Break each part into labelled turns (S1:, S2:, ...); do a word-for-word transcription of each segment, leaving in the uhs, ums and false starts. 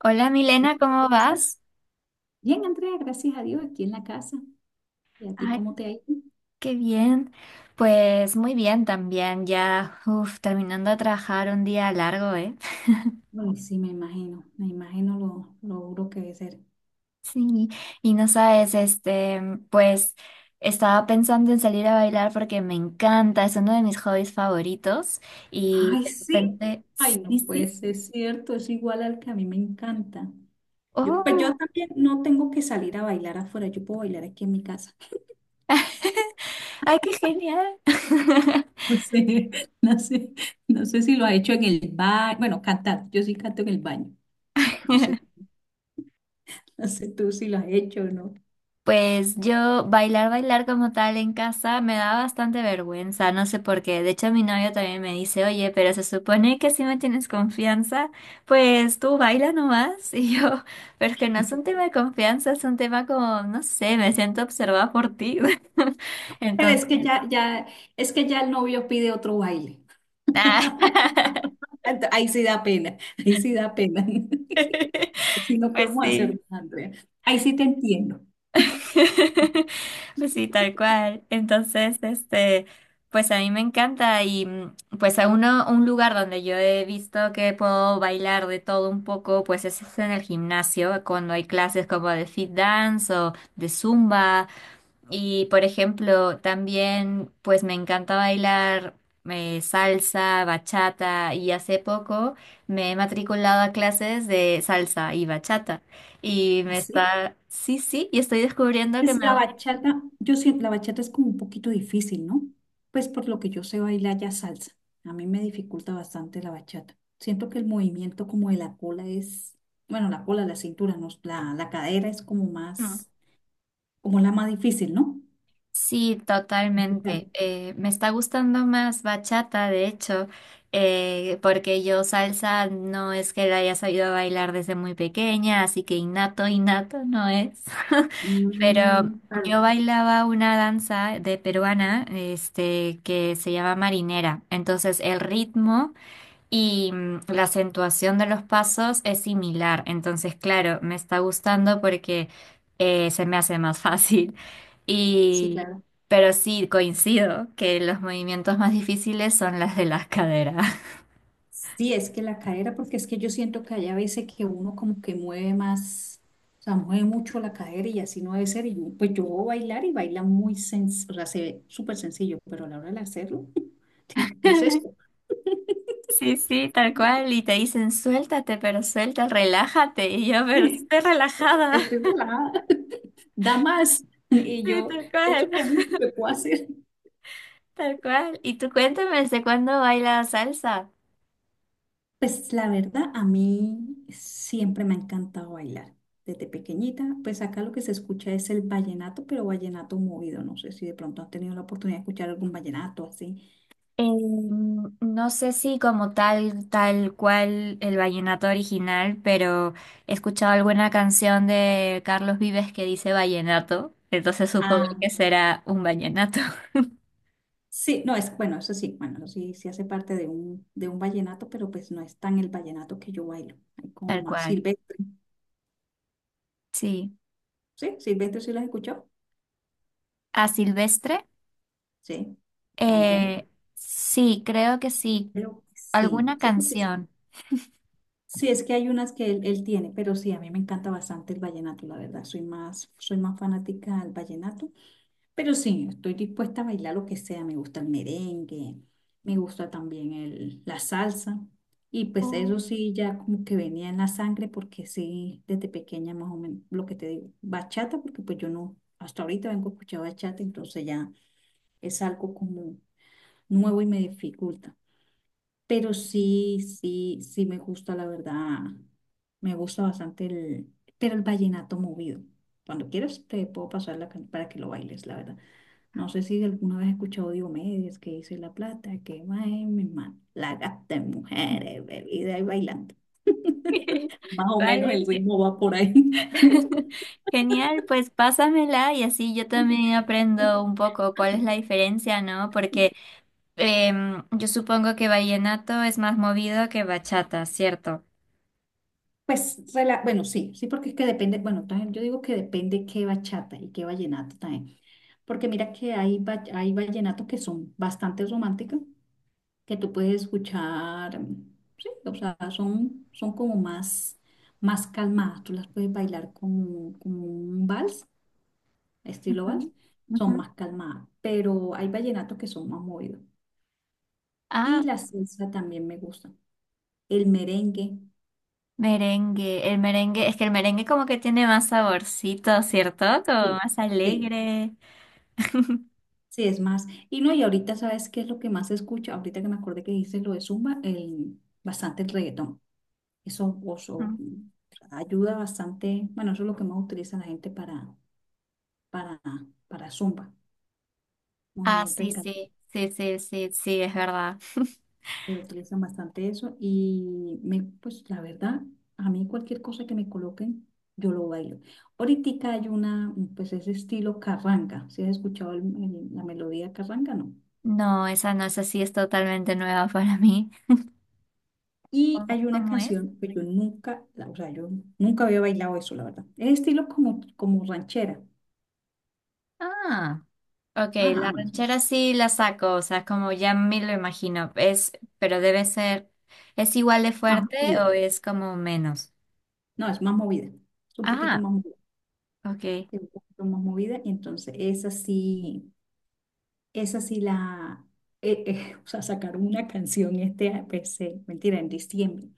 S1: Hola Milena,
S2: Gracias,
S1: ¿cómo
S2: ¿cómo estás?
S1: vas?
S2: Bien, Andrea, gracias a Dios, aquí en la casa. ¿Y a ti
S1: Ay,
S2: cómo te ha ido?
S1: qué bien. Pues muy bien también, ya uf, terminando de trabajar un día largo, ¿eh?
S2: Ay, sí, me imagino, me imagino lo, lo duro que debe ser.
S1: Sí, y no sabes, este, pues estaba pensando en salir a bailar porque me encanta, es uno de mis hobbies favoritos y
S2: Ay,
S1: de
S2: sí.
S1: repente,
S2: Ay,
S1: sí,
S2: no puede
S1: sí,
S2: ser cierto, es igual al que a mí me encanta. Yo, pues yo
S1: oh,
S2: también no tengo que salir a bailar afuera, yo puedo bailar aquí en mi casa.
S1: ay, qué genial.
S2: No sé, no sé, no sé si lo has hecho en el baño. Bueno, cantar, yo sí canto en el baño. No sé, no sé tú si lo has hecho o no.
S1: Pues yo bailar, bailar como tal en casa me da bastante vergüenza, no sé por qué. De hecho, mi novio también me dice, oye, pero se supone que si me tienes confianza, pues tú baila nomás. Y yo, pero es que no es un tema de confianza, es un tema como, no sé, me siento observada por ti.
S2: Pero es que
S1: Entonces,
S2: ya, ya, es que ya el novio pide otro baile.
S1: ah,
S2: Ent- Ahí sí da pena, ahí sí da pena. Así no
S1: pues
S2: podemos hacer
S1: sí.
S2: nada, Andrea. Ahí sí te entiendo.
S1: Pues sí, tal cual. Entonces, este, pues a mí me encanta y mm, pues a uno, un lugar donde yo he visto que puedo bailar de todo un poco, pues es en el gimnasio, cuando hay clases como de fit dance o de zumba. Y por ejemplo, también pues me encanta bailar eh, salsa, bachata y hace poco me he matriculado a clases de salsa y bachata y me
S2: Así
S1: está, sí, sí, y estoy descubriendo que
S2: es
S1: me
S2: la bachata. Yo siento la bachata es como un poquito difícil, ¿no? Pues por lo que yo sé bailar ya salsa. A mí me dificulta bastante la bachata. Siento que el movimiento como de la cola es, bueno, la cola, la cintura, no, la, la cadera es como
S1: gusta.
S2: más, como la más difícil, ¿no?
S1: Sí, totalmente.
S2: Claro.
S1: Eh, me está gustando más bachata, de hecho, eh, porque yo salsa no es que la haya sabido bailar desde muy pequeña, así que innato, innato no es. Pero
S2: Mm,
S1: yo
S2: claro,
S1: bailaba una danza de peruana, este, que se llama marinera. Entonces el ritmo y mm, la acentuación de los pasos es similar. Entonces, claro, me está gustando porque eh, se me hace más fácil.
S2: sí,
S1: Y,
S2: claro.
S1: pero sí, coincido que los movimientos más difíciles son las de las caderas.
S2: Sí, es que la cadera, porque es que yo siento que hay a veces que uno como que mueve más, o sea, mueve mucho la cadera y así no debe ser. Y yo, pues yo voy a bailar y baila muy sencillo, o sea, se ve súper sencillo, pero a la hora de hacerlo, digo, ¿qué es esto?
S1: Sí, sí, tal cual. Y te dicen, suéltate, pero suelta, relájate. Y yo, pero estoy relajada.
S2: Estoy relajada, da más. Y
S1: Sí,
S2: yo,
S1: tal
S2: esto
S1: cual.
S2: es lo único que puedo hacer.
S1: Tal cual. Y tú cuéntame, ¿desde cuándo baila salsa?
S2: Pues la verdad, a mí siempre me ha encantado bailar. Desde pequeñita, pues acá lo que se escucha es el vallenato, pero vallenato movido. No sé si de pronto has tenido la oportunidad de escuchar algún vallenato así.
S1: Eh, no sé si como tal, tal cual el vallenato original, pero he escuchado alguna canción de Carlos Vives que dice vallenato, entonces supongo
S2: Ah,
S1: que será un vallenato.
S2: sí, no, es, bueno, eso sí, bueno, eso sí, sí hace parte de un, de un vallenato, pero pues no es tan el vallenato que yo bailo, hay como
S1: Tal
S2: más
S1: cual,
S2: silvestre,
S1: sí.
S2: ¿sí? ¿Silvestre sí las escuchó?
S1: ¿A Silvestre?
S2: Sí, tango,
S1: Eh, sí, creo que sí.
S2: pero sí,
S1: ¿Alguna
S2: sí, porque sí.
S1: canción?
S2: Sí, es que hay unas que él, él tiene, pero sí, a mí me encanta bastante el vallenato, la verdad, soy más, soy más fanática del vallenato. Pero sí, estoy dispuesta a bailar lo que sea. Me gusta el merengue, me gusta también el, la salsa. Y pues
S1: Oh.
S2: eso sí, ya como que venía en la sangre, porque sí, desde pequeña más o menos, lo que te digo, bachata, porque pues yo no, hasta ahorita vengo a escuchar bachata, entonces ya es algo como nuevo y me dificulta. Pero sí, sí, sí me gusta, la verdad. Me gusta bastante el, pero el vallenato movido. Cuando quieras te puedo pasar la can- para que lo bailes, la verdad. No sé si alguna vez has escuchado Diomedes que dice la plata que va en mi mano, la gasta en mujeres, bebida y bailando. Más o menos
S1: Vale,
S2: el ritmo va por ahí.
S1: genial, pues pásamela y así yo también aprendo un poco cuál es la diferencia, ¿no? Porque em, yo supongo que vallenato es más movido que bachata, ¿cierto?
S2: Pues, rela- bueno, sí, sí, porque es que depende, bueno, también yo digo que depende qué bachata y qué vallenato también, porque mira que hay, va- hay vallenatos que son bastante románticos que tú puedes escuchar, sí, o sea, son, son como más, más calmadas, tú las puedes bailar como, como un vals, estilo
S1: Ujú,
S2: vals,
S1: ujú.
S2: son más calmadas, pero hay vallenatos que son más movidos. Y
S1: Ah,
S2: la salsa también me gusta, el merengue,
S1: merengue. El merengue, es que el merengue como que tiene más saborcito, ¿cierto? Como
S2: sí,
S1: más
S2: sí,
S1: alegre.
S2: sí, es más. Y no, y ahorita sabes qué es lo que más se escucha, ahorita que me acordé que dices lo de Zumba, el, bastante el reggaetón, eso, eso
S1: Mm.
S2: ayuda bastante, bueno, eso es lo que más utiliza la gente para para, para Zumba,
S1: Ah,
S2: movimiento de
S1: sí,
S2: cadera.
S1: sí, sí, sí, sí, sí, es verdad.
S2: Que utilizan bastante eso y me, pues la verdad, a mí cualquier cosa que me coloquen, yo lo bailo. Ahorita hay una, pues ese estilo carranga, si has escuchado el- el- la melodía carranga. No.
S1: No, esa no, esa sí es totalmente nueva para mí.
S2: Y
S1: ¿Cómo,
S2: hay una
S1: cómo es?
S2: canción que yo nunca, la- o sea, yo nunca había bailado eso, la verdad. Es estilo como, como ranchera,
S1: Ah. Ok,
S2: ajá,
S1: la
S2: más,
S1: ranchera sí la saco, o sea, como ya me lo imagino, es, pero debe ser, ¿es igual de
S2: más
S1: fuerte
S2: movida.
S1: o es como menos?
S2: No, es más movida, es un poquito
S1: Ah,
S2: más movida,
S1: ok.
S2: es un poquito más movida, entonces es así. Esa sí la, eh, eh, o sea, sacaron una canción este, pues, eh, mentira, en diciembre.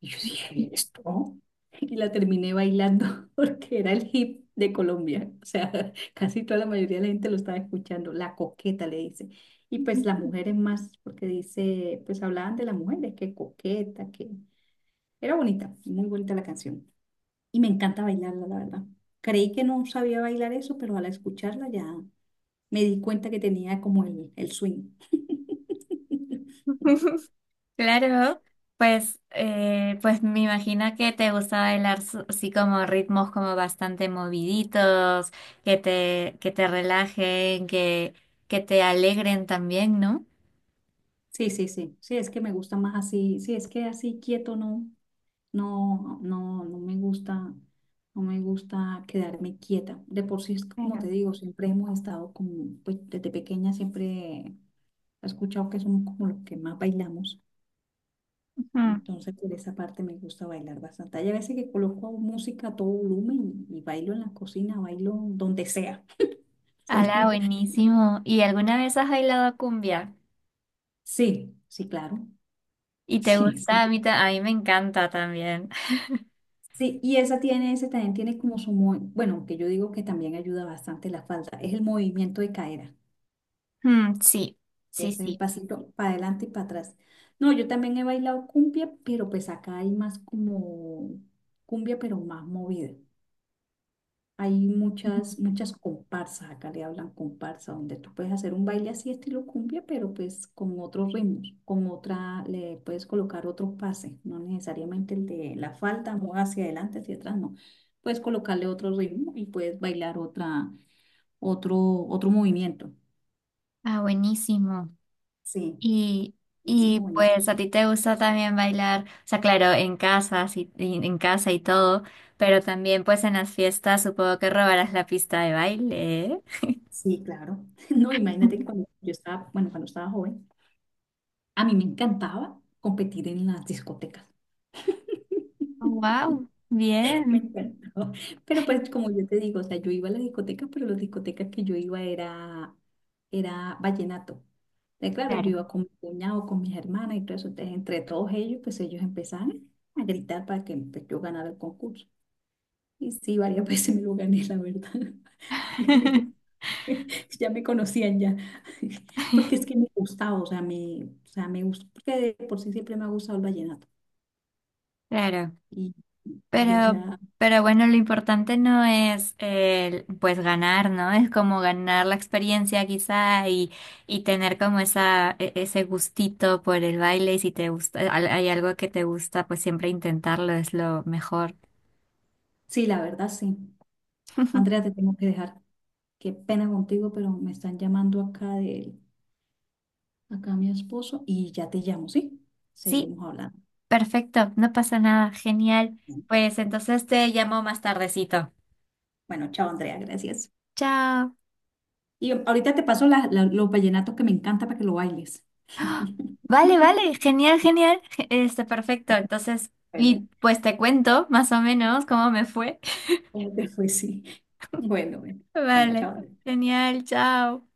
S2: Y yo dije, ¿esto? Y la terminé bailando porque era el hip de Colombia. O sea, casi toda la mayoría de la gente lo estaba escuchando. La coqueta le dice. Y pues las mujeres más, porque dice, pues hablaban de las mujeres, que coqueta, que era bonita, muy bonita la canción. Y me encanta bailarla, la verdad. Creí que no sabía bailar eso, pero al escucharla ya me di cuenta que tenía como el, el swing.
S1: Claro, pues, eh, pues me imagino que te gusta bailar su- así como ritmos como bastante moviditos, que te, que te relajen, que, que te alegren también, ¿no?
S2: Sí, sí, sí, sí, es que me gusta más así, sí, es que así quieto no, no, no, no me gusta, no me gusta quedarme quieta. De por sí, es como te
S1: Claro.
S2: digo, siempre hemos estado como, pues desde pequeña siempre he escuchado que somos como los que más bailamos,
S1: Ujú.
S2: entonces por esa parte me gusta bailar bastante. Hay a veces que coloco música a todo volumen y, y bailo en la cocina, bailo donde sea. Eso
S1: Ala,
S2: no-
S1: buenísimo. ¿Y alguna vez has bailado cumbia?
S2: Sí, sí, claro,
S1: ¿Y te
S2: sí,
S1: gusta?
S2: sí.
S1: A mí, ta- a mí me encanta también.
S2: Sí, y esa tiene, ese también tiene como su, mo- bueno, que yo digo que también ayuda bastante la falda, es el movimiento de cadera,
S1: Mm, sí, sí,
S2: es el
S1: sí.
S2: pasito para adelante y para atrás. No, yo también he bailado cumbia, pero pues acá hay más como cumbia, pero más movida. Hay muchas, muchas comparsas, acá le hablan comparsa, donde tú puedes hacer un baile así estilo cumbia, pero pues con otros ritmos, con otra, le puedes colocar otro pase, no necesariamente el de la falda, no hacia adelante, hacia atrás, no. Puedes colocarle otro ritmo y puedes bailar otra, otro, otro movimiento.
S1: Ah, buenísimo.
S2: Sí,
S1: Y, y
S2: buenísimo, buenísimo.
S1: pues a ti te gusta también bailar, o sea, claro, en casa, sí, y- en casa y todo, pero también pues en las fiestas supongo que robarás la pista de baile, ¿eh?
S2: Sí, claro. No, imagínate que cuando yo estaba, bueno, cuando estaba joven, a mí me encantaba competir en las discotecas.
S1: Wow,
S2: Me
S1: bien.
S2: encantó. Pero pues como yo te digo, o sea, yo iba a la discoteca, pero las discotecas que yo iba era, era vallenato. Eh, claro, yo
S1: Claro.
S2: iba con mi cuñado, con mis hermanas y todo eso. Entonces, entre todos ellos, pues ellos empezaban a gritar para que pues, yo ganara el concurso. Y sí, varias veces me lo gané, la verdad. Ya me conocían ya. Porque es que me gustaba, o sea, me, o sea, me gusta, porque de por sí siempre me ha gustado el vallenato.
S1: Claro.
S2: Y, y, o
S1: Pero,
S2: sea,
S1: pero bueno, lo importante no es el, pues ganar, ¿no? Es como ganar la experiencia quizá y, y tener como esa, e- ese gustito por el baile y si te gusta, al- hay algo que te gusta, pues siempre intentarlo es lo mejor.
S2: sí, la verdad, sí. Andrea, te tengo que dejar. Qué pena contigo, pero me están llamando acá de acá mi esposo y ya te llamo, ¿sí?
S1: Sí,
S2: Seguimos hablando.
S1: perfecto, no pasa nada, genial. Pues entonces te llamo más tardecito.
S2: Bueno, chao Andrea, gracias.
S1: Chao.
S2: Y ahorita te paso la- la- los vallenatos que me encanta para que lo bailes.
S1: Vale, vale, genial, genial. Este, perfecto. Entonces, y
S2: Bueno,
S1: pues te cuento más o menos cómo me fue.
S2: eh, después sí. Bueno, bueno, bueno,
S1: Vale,
S2: chao.
S1: genial, chao.